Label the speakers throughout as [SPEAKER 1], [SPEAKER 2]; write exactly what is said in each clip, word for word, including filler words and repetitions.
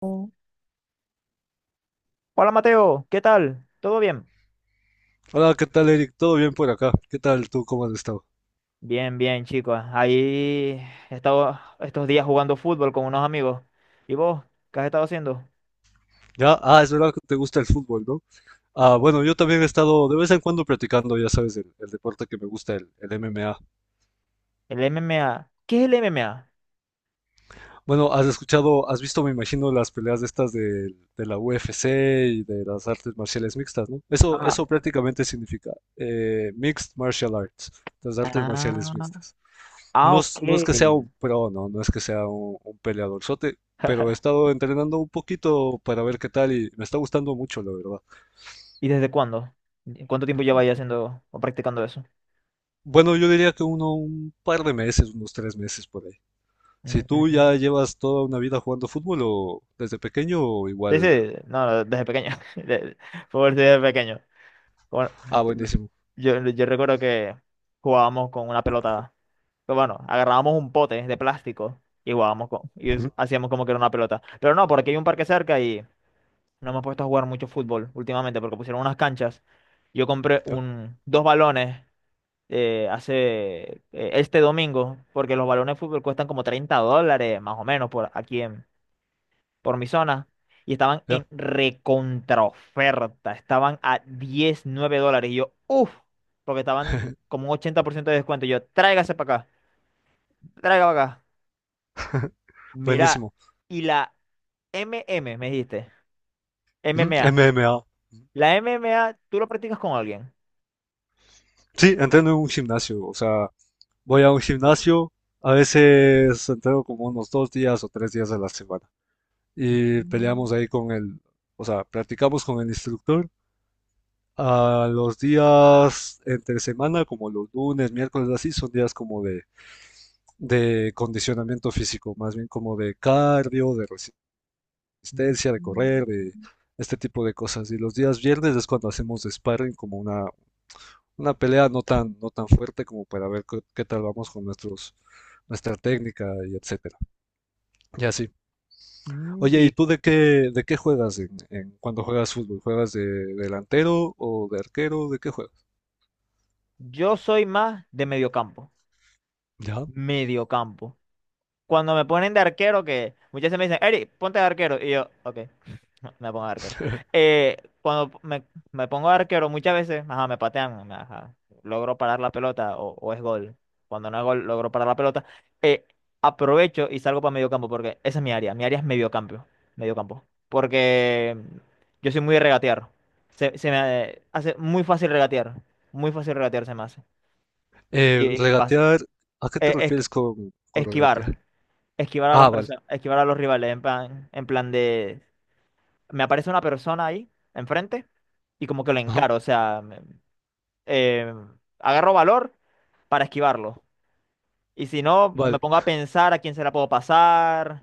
[SPEAKER 1] Hola Mateo, ¿qué tal? ¿Todo bien?
[SPEAKER 2] Hola, ¿qué tal, Eric? ¿Todo bien por acá? ¿Qué tal tú? ¿Cómo has estado?
[SPEAKER 1] Bien, bien, chicos. Ahí he estado estos días jugando fútbol con unos amigos. ¿Y vos? ¿Qué has estado haciendo?
[SPEAKER 2] Ya, ah, es verdad que te gusta el fútbol, ¿no? Ah, bueno, yo también he estado de vez en cuando practicando, ya sabes, el, el deporte que me gusta, el, el M M A.
[SPEAKER 1] El M M A. ¿Qué es el M M A?
[SPEAKER 2] Bueno, has escuchado, has visto, me imagino, las peleas de estas de, de la U F C y de las artes marciales mixtas, ¿no? Eso,
[SPEAKER 1] Ah,
[SPEAKER 2] eso prácticamente significa eh, Mixed Martial Arts, las artes
[SPEAKER 1] ah,
[SPEAKER 2] marciales mixtas.
[SPEAKER 1] ah,
[SPEAKER 2] No
[SPEAKER 1] ok.
[SPEAKER 2] es, no es que sea un pro, no, no es que sea un, un peleadorzote, pero he estado entrenando un poquito para ver qué tal y me está gustando mucho, la verdad.
[SPEAKER 1] ¿Y desde cuándo? ¿Cuánto tiempo lleváis haciendo o practicando eso?
[SPEAKER 2] Bueno, yo diría que uno, un par de meses, unos tres meses por ahí. Si tú
[SPEAKER 1] Mm.
[SPEAKER 2] ya llevas toda una vida jugando fútbol o desde pequeño, o
[SPEAKER 1] Sí,
[SPEAKER 2] igual.
[SPEAKER 1] sí, no, no, desde pequeño. De- Fútbol desde pequeño. Bueno,
[SPEAKER 2] Ah, buenísimo.
[SPEAKER 1] yo, yo recuerdo que jugábamos con una pelota. Pero bueno, agarrábamos un pote de plástico y jugábamos con, y
[SPEAKER 2] Ujú.
[SPEAKER 1] es- hacíamos como que era una pelota. Pero no, porque hay un parque cerca y no hemos puesto a jugar mucho fútbol últimamente porque pusieron unas canchas. Yo compré
[SPEAKER 2] Ya,
[SPEAKER 1] un, dos balones eh, hace eh, este domingo porque los balones de fútbol cuestan como treinta dólares más o menos por aquí en, por mi zona y estaban
[SPEAKER 2] ya,
[SPEAKER 1] en recontraoferta. Estaban a diecinueve dólares. Y yo, uff, porque estaban como un ochenta por ciento de descuento. Y yo, tráigase para acá, tráiga para acá. Mirá,
[SPEAKER 2] buenísimo.
[SPEAKER 1] y la M M, me dijiste,
[SPEAKER 2] Ujú,
[SPEAKER 1] M M A.
[SPEAKER 2] M M A.
[SPEAKER 1] La M M A, ¿tú lo practicas con alguien?
[SPEAKER 2] Sí, entreno en un gimnasio, o sea, voy a un gimnasio, a veces entreno como unos dos días o tres días a la semana. Y
[SPEAKER 1] Mm,
[SPEAKER 2] peleamos ahí con el, o sea, practicamos con el instructor. A los días entre semana, como los lunes, miércoles, así, son días como de, de condicionamiento físico, más bien como de cardio, de resistencia, de
[SPEAKER 1] mm,
[SPEAKER 2] correr, de este tipo de cosas. Y los días viernes es cuando hacemos sparring, como una, una pelea no tan, no tan fuerte como para ver qué, qué tal vamos con nuestros, nuestra técnica y etcétera. Y así.
[SPEAKER 1] mm.
[SPEAKER 2] Oye, ¿y
[SPEAKER 1] Y
[SPEAKER 2] tú de qué, de qué juegas en, en- cuando juegas fútbol? ¿Juegas de delantero o de arquero? ¿De qué juegas?
[SPEAKER 1] yo soy más de mediocampo.
[SPEAKER 2] ¿Ya?
[SPEAKER 1] Mediocampo. Cuando me ponen de arquero, que muchas veces me dicen, Eric, ponte de arquero. Y yo, ok. No, me pongo arquero. Eh, cuando me, me pongo arquero, muchas veces, ajá, me patean, me- ajá, logro parar la pelota o, o es gol. Cuando no es gol, logro parar la pelota. Eh, Aprovecho y salgo para medio campo porque esa es mi área. Mi área es medio campo. Medio campo. Porque yo soy muy de regatear. Se, se me hace muy fácil regatear. Muy fácil regatear se me hace. Y,
[SPEAKER 2] Eh,
[SPEAKER 1] y pas-
[SPEAKER 2] regatear, ¿a qué te
[SPEAKER 1] eh, es-
[SPEAKER 2] refieres con, con regatear?
[SPEAKER 1] esquivar. Esquivar a las
[SPEAKER 2] Ah, vale.
[SPEAKER 1] personas, esquivar a los rivales en plan, en plan, de me aparece una persona ahí enfrente y como que lo
[SPEAKER 2] Ajá.
[SPEAKER 1] encaro, o sea, me- eh, agarro valor para esquivarlo. Y si no, me
[SPEAKER 2] Vale,
[SPEAKER 1] pongo a pensar a quién se la puedo pasar,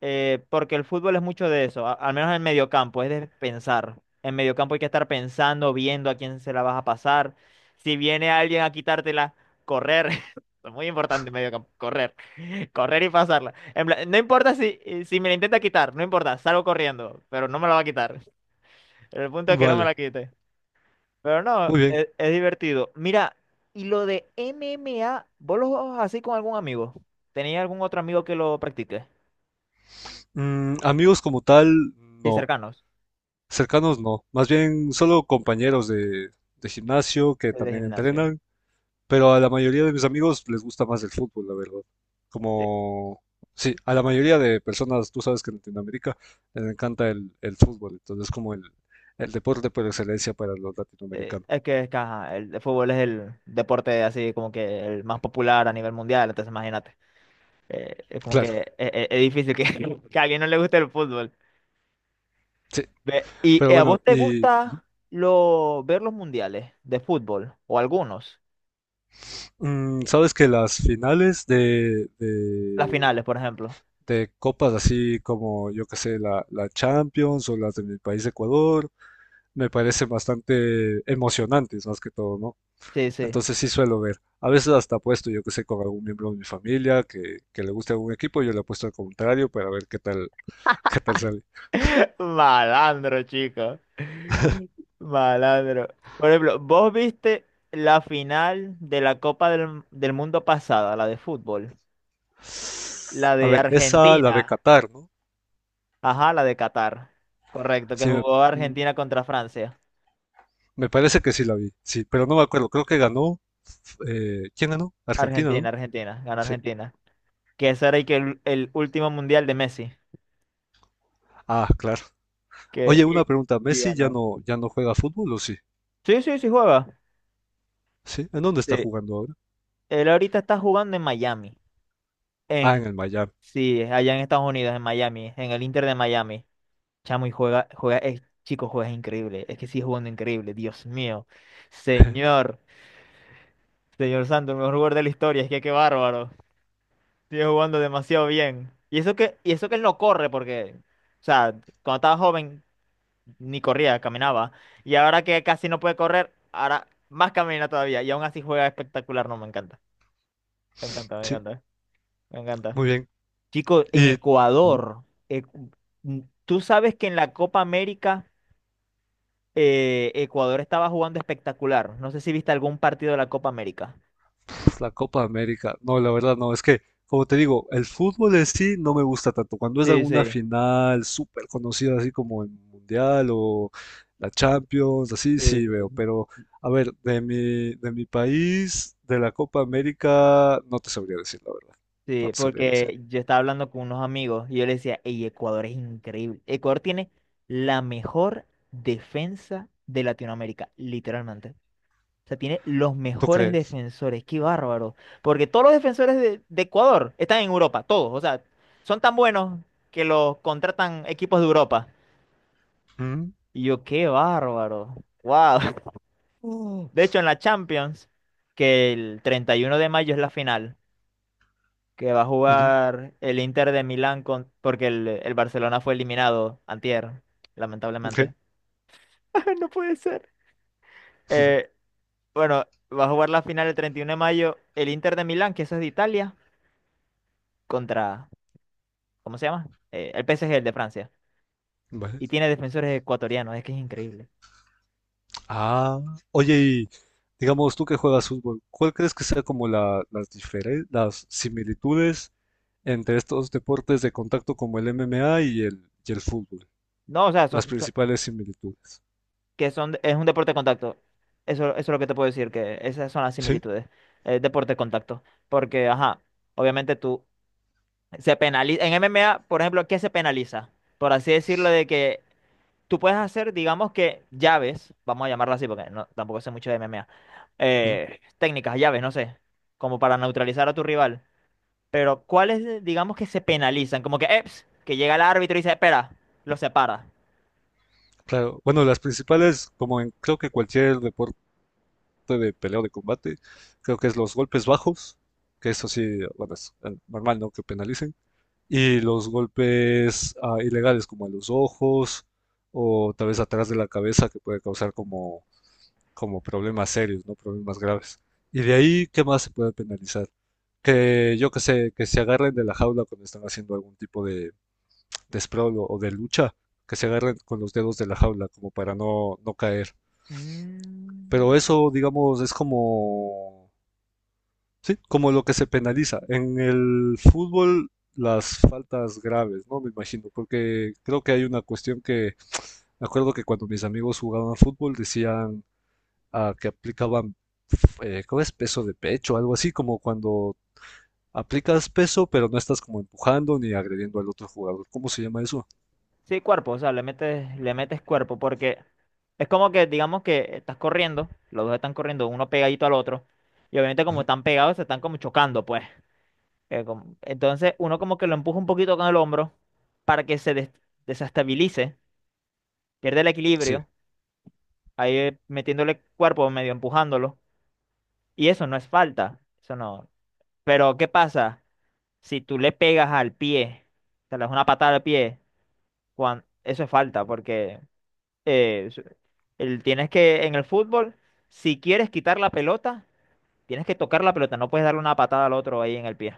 [SPEAKER 1] eh, porque el fútbol es mucho de eso, a- al menos en el mediocampo, es de pensar. En mediocampo hay que estar pensando, viendo a quién se la vas a pasar. Si viene alguien a quitártela, correr. Es muy importante en mediocampo, correr. Correr y pasarla. En plan, no importa si, si, me la intenta quitar, no importa, salgo corriendo, pero no me la va a quitar. El punto es que no me
[SPEAKER 2] vale.
[SPEAKER 1] la quite. Pero no,
[SPEAKER 2] Muy bien.
[SPEAKER 1] es, es divertido. Mira, y lo de M M A, ¿vos lo jugabas así con algún amigo? ¿Tenía algún otro amigo que lo practique?
[SPEAKER 2] Mm, amigos como tal,
[SPEAKER 1] Sí,
[SPEAKER 2] no.
[SPEAKER 1] cercanos.
[SPEAKER 2] Cercanos, no. Más bien solo compañeros de, de gimnasio que
[SPEAKER 1] El de
[SPEAKER 2] también
[SPEAKER 1] gimnasio.
[SPEAKER 2] entrenan. Pero a la mayoría de mis amigos les gusta más el fútbol, la verdad.
[SPEAKER 1] Sí,
[SPEAKER 2] Como, sí, a la mayoría de personas, tú sabes que en Latinoamérica les encanta el, el fútbol, entonces es como el, el deporte por excelencia para los
[SPEAKER 1] sí.
[SPEAKER 2] latinoamericanos.
[SPEAKER 1] Es que, es que, ajá, el de fútbol es el deporte así como que el más popular a nivel mundial, entonces imagínate. Eh, es como
[SPEAKER 2] Claro,
[SPEAKER 1] que es, es- es difícil que, que a alguien no le guste el fútbol.
[SPEAKER 2] sí.
[SPEAKER 1] Ve, ¿y
[SPEAKER 2] Pero
[SPEAKER 1] eh, a vos
[SPEAKER 2] bueno,
[SPEAKER 1] te
[SPEAKER 2] y
[SPEAKER 1] gusta lo, ver los mundiales de fútbol o algunos?
[SPEAKER 2] mm, sabes que las finales de,
[SPEAKER 1] Las
[SPEAKER 2] de,
[SPEAKER 1] finales, por ejemplo.
[SPEAKER 2] de copas así como, yo qué sé, la, la Champions o las de mi país Ecuador, me parecen bastante emocionantes, más que todo, ¿no?
[SPEAKER 1] Sí, sí.
[SPEAKER 2] Entonces sí suelo ver. A veces hasta apuesto, yo que sé, con algún miembro de mi familia que, que le guste algún equipo, yo le apuesto al contrario para ver qué tal, qué tal sale.
[SPEAKER 1] Malandro, chico. Malandro. Por ejemplo, ¿vos viste la final de la Copa del, del Mundo pasada, la de fútbol? La
[SPEAKER 2] A
[SPEAKER 1] de
[SPEAKER 2] ver, esa la de
[SPEAKER 1] Argentina.
[SPEAKER 2] Qatar, ¿no?
[SPEAKER 1] Ajá, la de Qatar. Correcto, que
[SPEAKER 2] Sí, me,
[SPEAKER 1] jugó Argentina contra Francia.
[SPEAKER 2] me parece que sí la vi, sí, pero no me acuerdo, creo que ganó, eh, ¿quién ganó? Argentina,
[SPEAKER 1] Argentina,
[SPEAKER 2] ¿no?
[SPEAKER 1] Argentina, ganó
[SPEAKER 2] Sí.
[SPEAKER 1] Argentina. Que ese era y que el, el último mundial de Messi.
[SPEAKER 2] Ah, claro.
[SPEAKER 1] Que,
[SPEAKER 2] Oye, una
[SPEAKER 1] y,
[SPEAKER 2] pregunta,
[SPEAKER 1] y
[SPEAKER 2] ¿Messi ya
[SPEAKER 1] ganó.
[SPEAKER 2] no, ya no juega fútbol o sí?
[SPEAKER 1] Sí, sí, sí juega.
[SPEAKER 2] ¿Sí? ¿En dónde está
[SPEAKER 1] Sí.
[SPEAKER 2] jugando ahora?
[SPEAKER 1] Él ahorita está jugando en Miami.
[SPEAKER 2] Ah, en
[SPEAKER 1] En,
[SPEAKER 2] el Miami.
[SPEAKER 1] sí, allá en Estados Unidos, en Miami, en el Inter de Miami. Chamo, y juega, juega, eh, chico, juegas increíble. Es que sigue jugando increíble, Dios mío. Señor, señor Santo, el mejor jugador de la historia, es que qué bárbaro. Sigue jugando demasiado bien. Y eso que, y eso que él no corre, porque, o sea, cuando estaba joven ni corría, caminaba. Y ahora que casi no puede correr, ahora más camina todavía. Y aún así juega espectacular, no, me encanta. Me encanta, me
[SPEAKER 2] Sí,
[SPEAKER 1] encanta, me encanta.
[SPEAKER 2] muy bien.
[SPEAKER 1] Chico, en
[SPEAKER 2] Y,
[SPEAKER 1] Ecuador, eh, tú sabes que en la Copa América. eh, Ecuador estaba jugando espectacular. No sé si viste algún partido de la Copa América.
[SPEAKER 2] la Copa América. No, la verdad no, es que, como te digo, el fútbol en sí no me gusta tanto. Cuando es
[SPEAKER 1] Sí,
[SPEAKER 2] alguna
[SPEAKER 1] sí,
[SPEAKER 2] final súper conocida, así como el Mundial o la Champions, así
[SPEAKER 1] sí,
[SPEAKER 2] sí
[SPEAKER 1] sí.
[SPEAKER 2] veo. Pero, a ver, de mi, de mi país, de la Copa América, no te sabría decir, la verdad. No
[SPEAKER 1] Sí,
[SPEAKER 2] te sabría decir.
[SPEAKER 1] porque yo estaba hablando con unos amigos y yo les decía, hey, Ecuador es increíble. Ecuador tiene la mejor defensa de Latinoamérica, literalmente. O sea, tiene los
[SPEAKER 2] ¿Tú
[SPEAKER 1] mejores
[SPEAKER 2] crees?
[SPEAKER 1] defensores, qué bárbaro. Porque todos los defensores de, de Ecuador están en Europa, todos. O sea, son tan buenos que los contratan equipos de Europa.
[SPEAKER 2] Mm,
[SPEAKER 1] Y yo, qué bárbaro. Wow. Mm. De hecho, en la Champions, que el treinta y uno de mayo es la final, que va a
[SPEAKER 2] ujú,
[SPEAKER 1] jugar el Inter de Milán con, porque el, el Barcelona fue eliminado antier,
[SPEAKER 2] ok.
[SPEAKER 1] lamentablemente. No puede ser. Eh, bueno, va a jugar la final el treinta y uno de mayo el Inter de Milán, que eso es de Italia, contra, ¿cómo se llama? Eh, el P S G, el de Francia.
[SPEAKER 2] Vale.
[SPEAKER 1] Y tiene defensores ecuatorianos, es que es increíble.
[SPEAKER 2] Ah, oye, y digamos tú que juegas fútbol, ¿cuál crees que sea como la- las diferen- las similitudes entre estos deportes de contacto como el M M A y el, y el fútbol,
[SPEAKER 1] No, o sea,
[SPEAKER 2] las
[SPEAKER 1] son,
[SPEAKER 2] principales similitudes?
[SPEAKER 1] que son, es un deporte de contacto. Eso, eso es lo que te puedo decir, que esas son las
[SPEAKER 2] Sí,
[SPEAKER 1] similitudes. Es deporte de contacto. Porque, ajá, obviamente tú se penaliza. En M M A, por ejemplo, ¿qué se penaliza? Por así decirlo, de que tú puedes hacer, digamos que llaves, vamos a llamarlo así, porque no, tampoco sé mucho de M M A.
[SPEAKER 2] ujú,
[SPEAKER 1] Eh, técnicas, llaves, no sé, como para neutralizar a tu rival. Pero, ¿cuáles, eh, digamos que se penalizan? Como que, eps, que llega el árbitro y dice, espera, lo separa.
[SPEAKER 2] claro. Bueno, las principales, como en creo que cualquier deporte de pelea o de combate, creo que es los golpes bajos, que eso sí, bueno, es eh, normal, ¿no? Que penalicen,
[SPEAKER 1] Ujú.
[SPEAKER 2] y los golpes ah, ilegales como a los ojos o tal vez atrás de la cabeza que puede causar como como problemas serios, no problemas graves. Y de ahí, ¿qué más se puede penalizar? Que yo que sé, que se agarren de la jaula cuando están haciendo algún tipo de, de sprawl o, o de lucha, que se agarren con los dedos de la jaula como para no, no caer. Pero
[SPEAKER 1] Mm.
[SPEAKER 2] eso, digamos, es como, sí, como lo que se penaliza. En el fútbol, las faltas graves, ¿no? Me imagino, porque creo que hay una cuestión que, me acuerdo que cuando mis amigos jugaban fútbol decían ah, que aplicaban, eh, ¿cómo es? Peso de pecho, algo así como cuando aplicas peso, pero no estás como empujando ni agrediendo al otro jugador. ¿Cómo se llama eso?
[SPEAKER 1] Sí, cuerpo, o sea, le metes, le metes cuerpo, porque es como que, digamos que estás corriendo, los dos están corriendo, uno pegadito al otro, y obviamente como
[SPEAKER 2] Ujú.
[SPEAKER 1] están pegados, se están como chocando, pues. Eh, como- entonces uno como que lo empuja un poquito con el hombro para que se des- desestabilice, pierde el
[SPEAKER 2] Sí,
[SPEAKER 1] equilibrio, ahí eh, metiéndole cuerpo, medio empujándolo, y eso no es falta, eso no. Pero, ¿qué pasa si tú le pegas al pie, te le das una patada al pie, cuan- eso es falta, porque... eh, s- el- Tienes que, en el fútbol, si quieres quitar la pelota, tienes que tocar la pelota, no puedes darle una patada al otro ahí en el pie.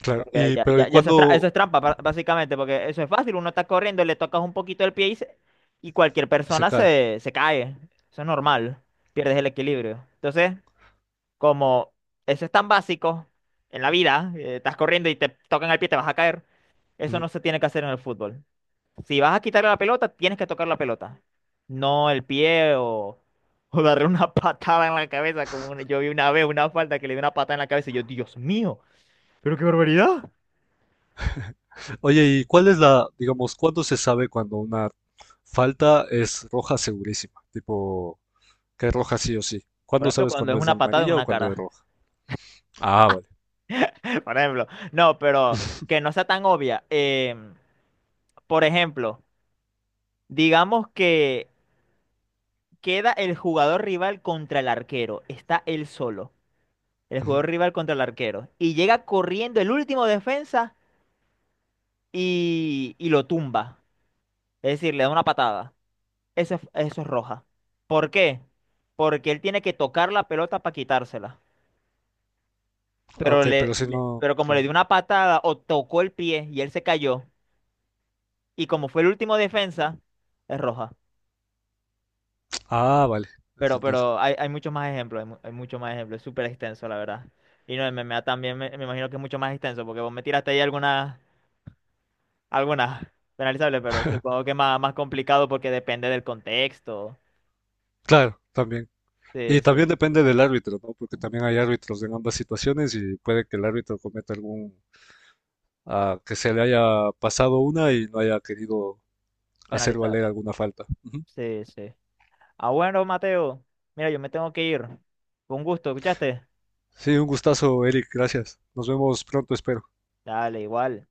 [SPEAKER 2] claro.
[SPEAKER 1] Porque
[SPEAKER 2] Y,
[SPEAKER 1] ya,
[SPEAKER 2] pero ¿y
[SPEAKER 1] ya, ya eso es, tra- eso
[SPEAKER 2] cuándo
[SPEAKER 1] es trampa, ba- básicamente, porque eso es fácil, uno está corriendo, le tocas un poquito el pie y, se- y cualquier
[SPEAKER 2] se
[SPEAKER 1] persona
[SPEAKER 2] cae?
[SPEAKER 1] se, se cae. Eso es normal, pierdes el equilibrio. Entonces, como eso es tan básico en la vida, eh, estás corriendo y te tocan el pie, te vas a caer, eso
[SPEAKER 2] Ujú.
[SPEAKER 1] no se tiene que hacer en el fútbol. Si vas a quitarle la pelota, tienes que tocar la pelota. No el pie o, o darle una patada en la cabeza. Como una- yo vi una vez una falta que le dio una patada en la cabeza y yo, Dios mío, pero qué barbaridad.
[SPEAKER 2] Oye, ¿y cuál es la, digamos, cuándo se sabe cuando una falta es roja segurísima? Tipo, que es roja sí o sí.
[SPEAKER 1] Por
[SPEAKER 2] ¿Cuándo
[SPEAKER 1] ejemplo,
[SPEAKER 2] sabes
[SPEAKER 1] cuando
[SPEAKER 2] cuando
[SPEAKER 1] es
[SPEAKER 2] es
[SPEAKER 1] una patada en
[SPEAKER 2] amarilla o
[SPEAKER 1] una
[SPEAKER 2] cuando es
[SPEAKER 1] cara.
[SPEAKER 2] roja? Ah, vale.
[SPEAKER 1] Por ejemplo, no, pero que no sea tan obvia. Em, por ejemplo, digamos que queda el jugador rival contra el arquero. Está él solo. El
[SPEAKER 2] Ujú.
[SPEAKER 1] jugador rival contra el arquero. Y llega corriendo el último defensa y, y lo tumba. Es decir, le da una patada. Eso es, eso es roja. ¿Por qué? Porque él tiene que tocar la pelota para quitársela.
[SPEAKER 2] Ah,
[SPEAKER 1] Pero,
[SPEAKER 2] ok,
[SPEAKER 1] le,
[SPEAKER 2] pero si
[SPEAKER 1] le-
[SPEAKER 2] no,
[SPEAKER 1] pero como le dio
[SPEAKER 2] claro.
[SPEAKER 1] una patada o tocó el pie y él se cayó, y como fue el último defensa, es roja.
[SPEAKER 2] Ah, vale,
[SPEAKER 1] Pero,
[SPEAKER 2] entendido.
[SPEAKER 1] pero hay, hay muchos más ejemplos, hay, mu- hay muchos más ejemplos, es súper extenso, la verdad. Y no, el M M A también me, me imagino que es mucho más extenso, porque vos me tiraste ahí algunas, algunas, penalizables, pero supongo que más, más complicado porque depende del contexto.
[SPEAKER 2] Claro, también.
[SPEAKER 1] Sí,
[SPEAKER 2] Y
[SPEAKER 1] sí,
[SPEAKER 2] también depende del árbitro, ¿no? Porque también hay árbitros en ambas situaciones y puede que el árbitro cometa algún, ah, que se le haya pasado una y no haya querido hacer
[SPEAKER 1] penalizar.
[SPEAKER 2] valer alguna falta. Ujú.
[SPEAKER 1] Sí, sí. Ah, bueno, Mateo. Mira, yo me tengo que ir. Con gusto, ¿escuchaste?
[SPEAKER 2] Sí, un gustazo, Eric, gracias. Nos vemos pronto, espero.
[SPEAKER 1] Dale, igual.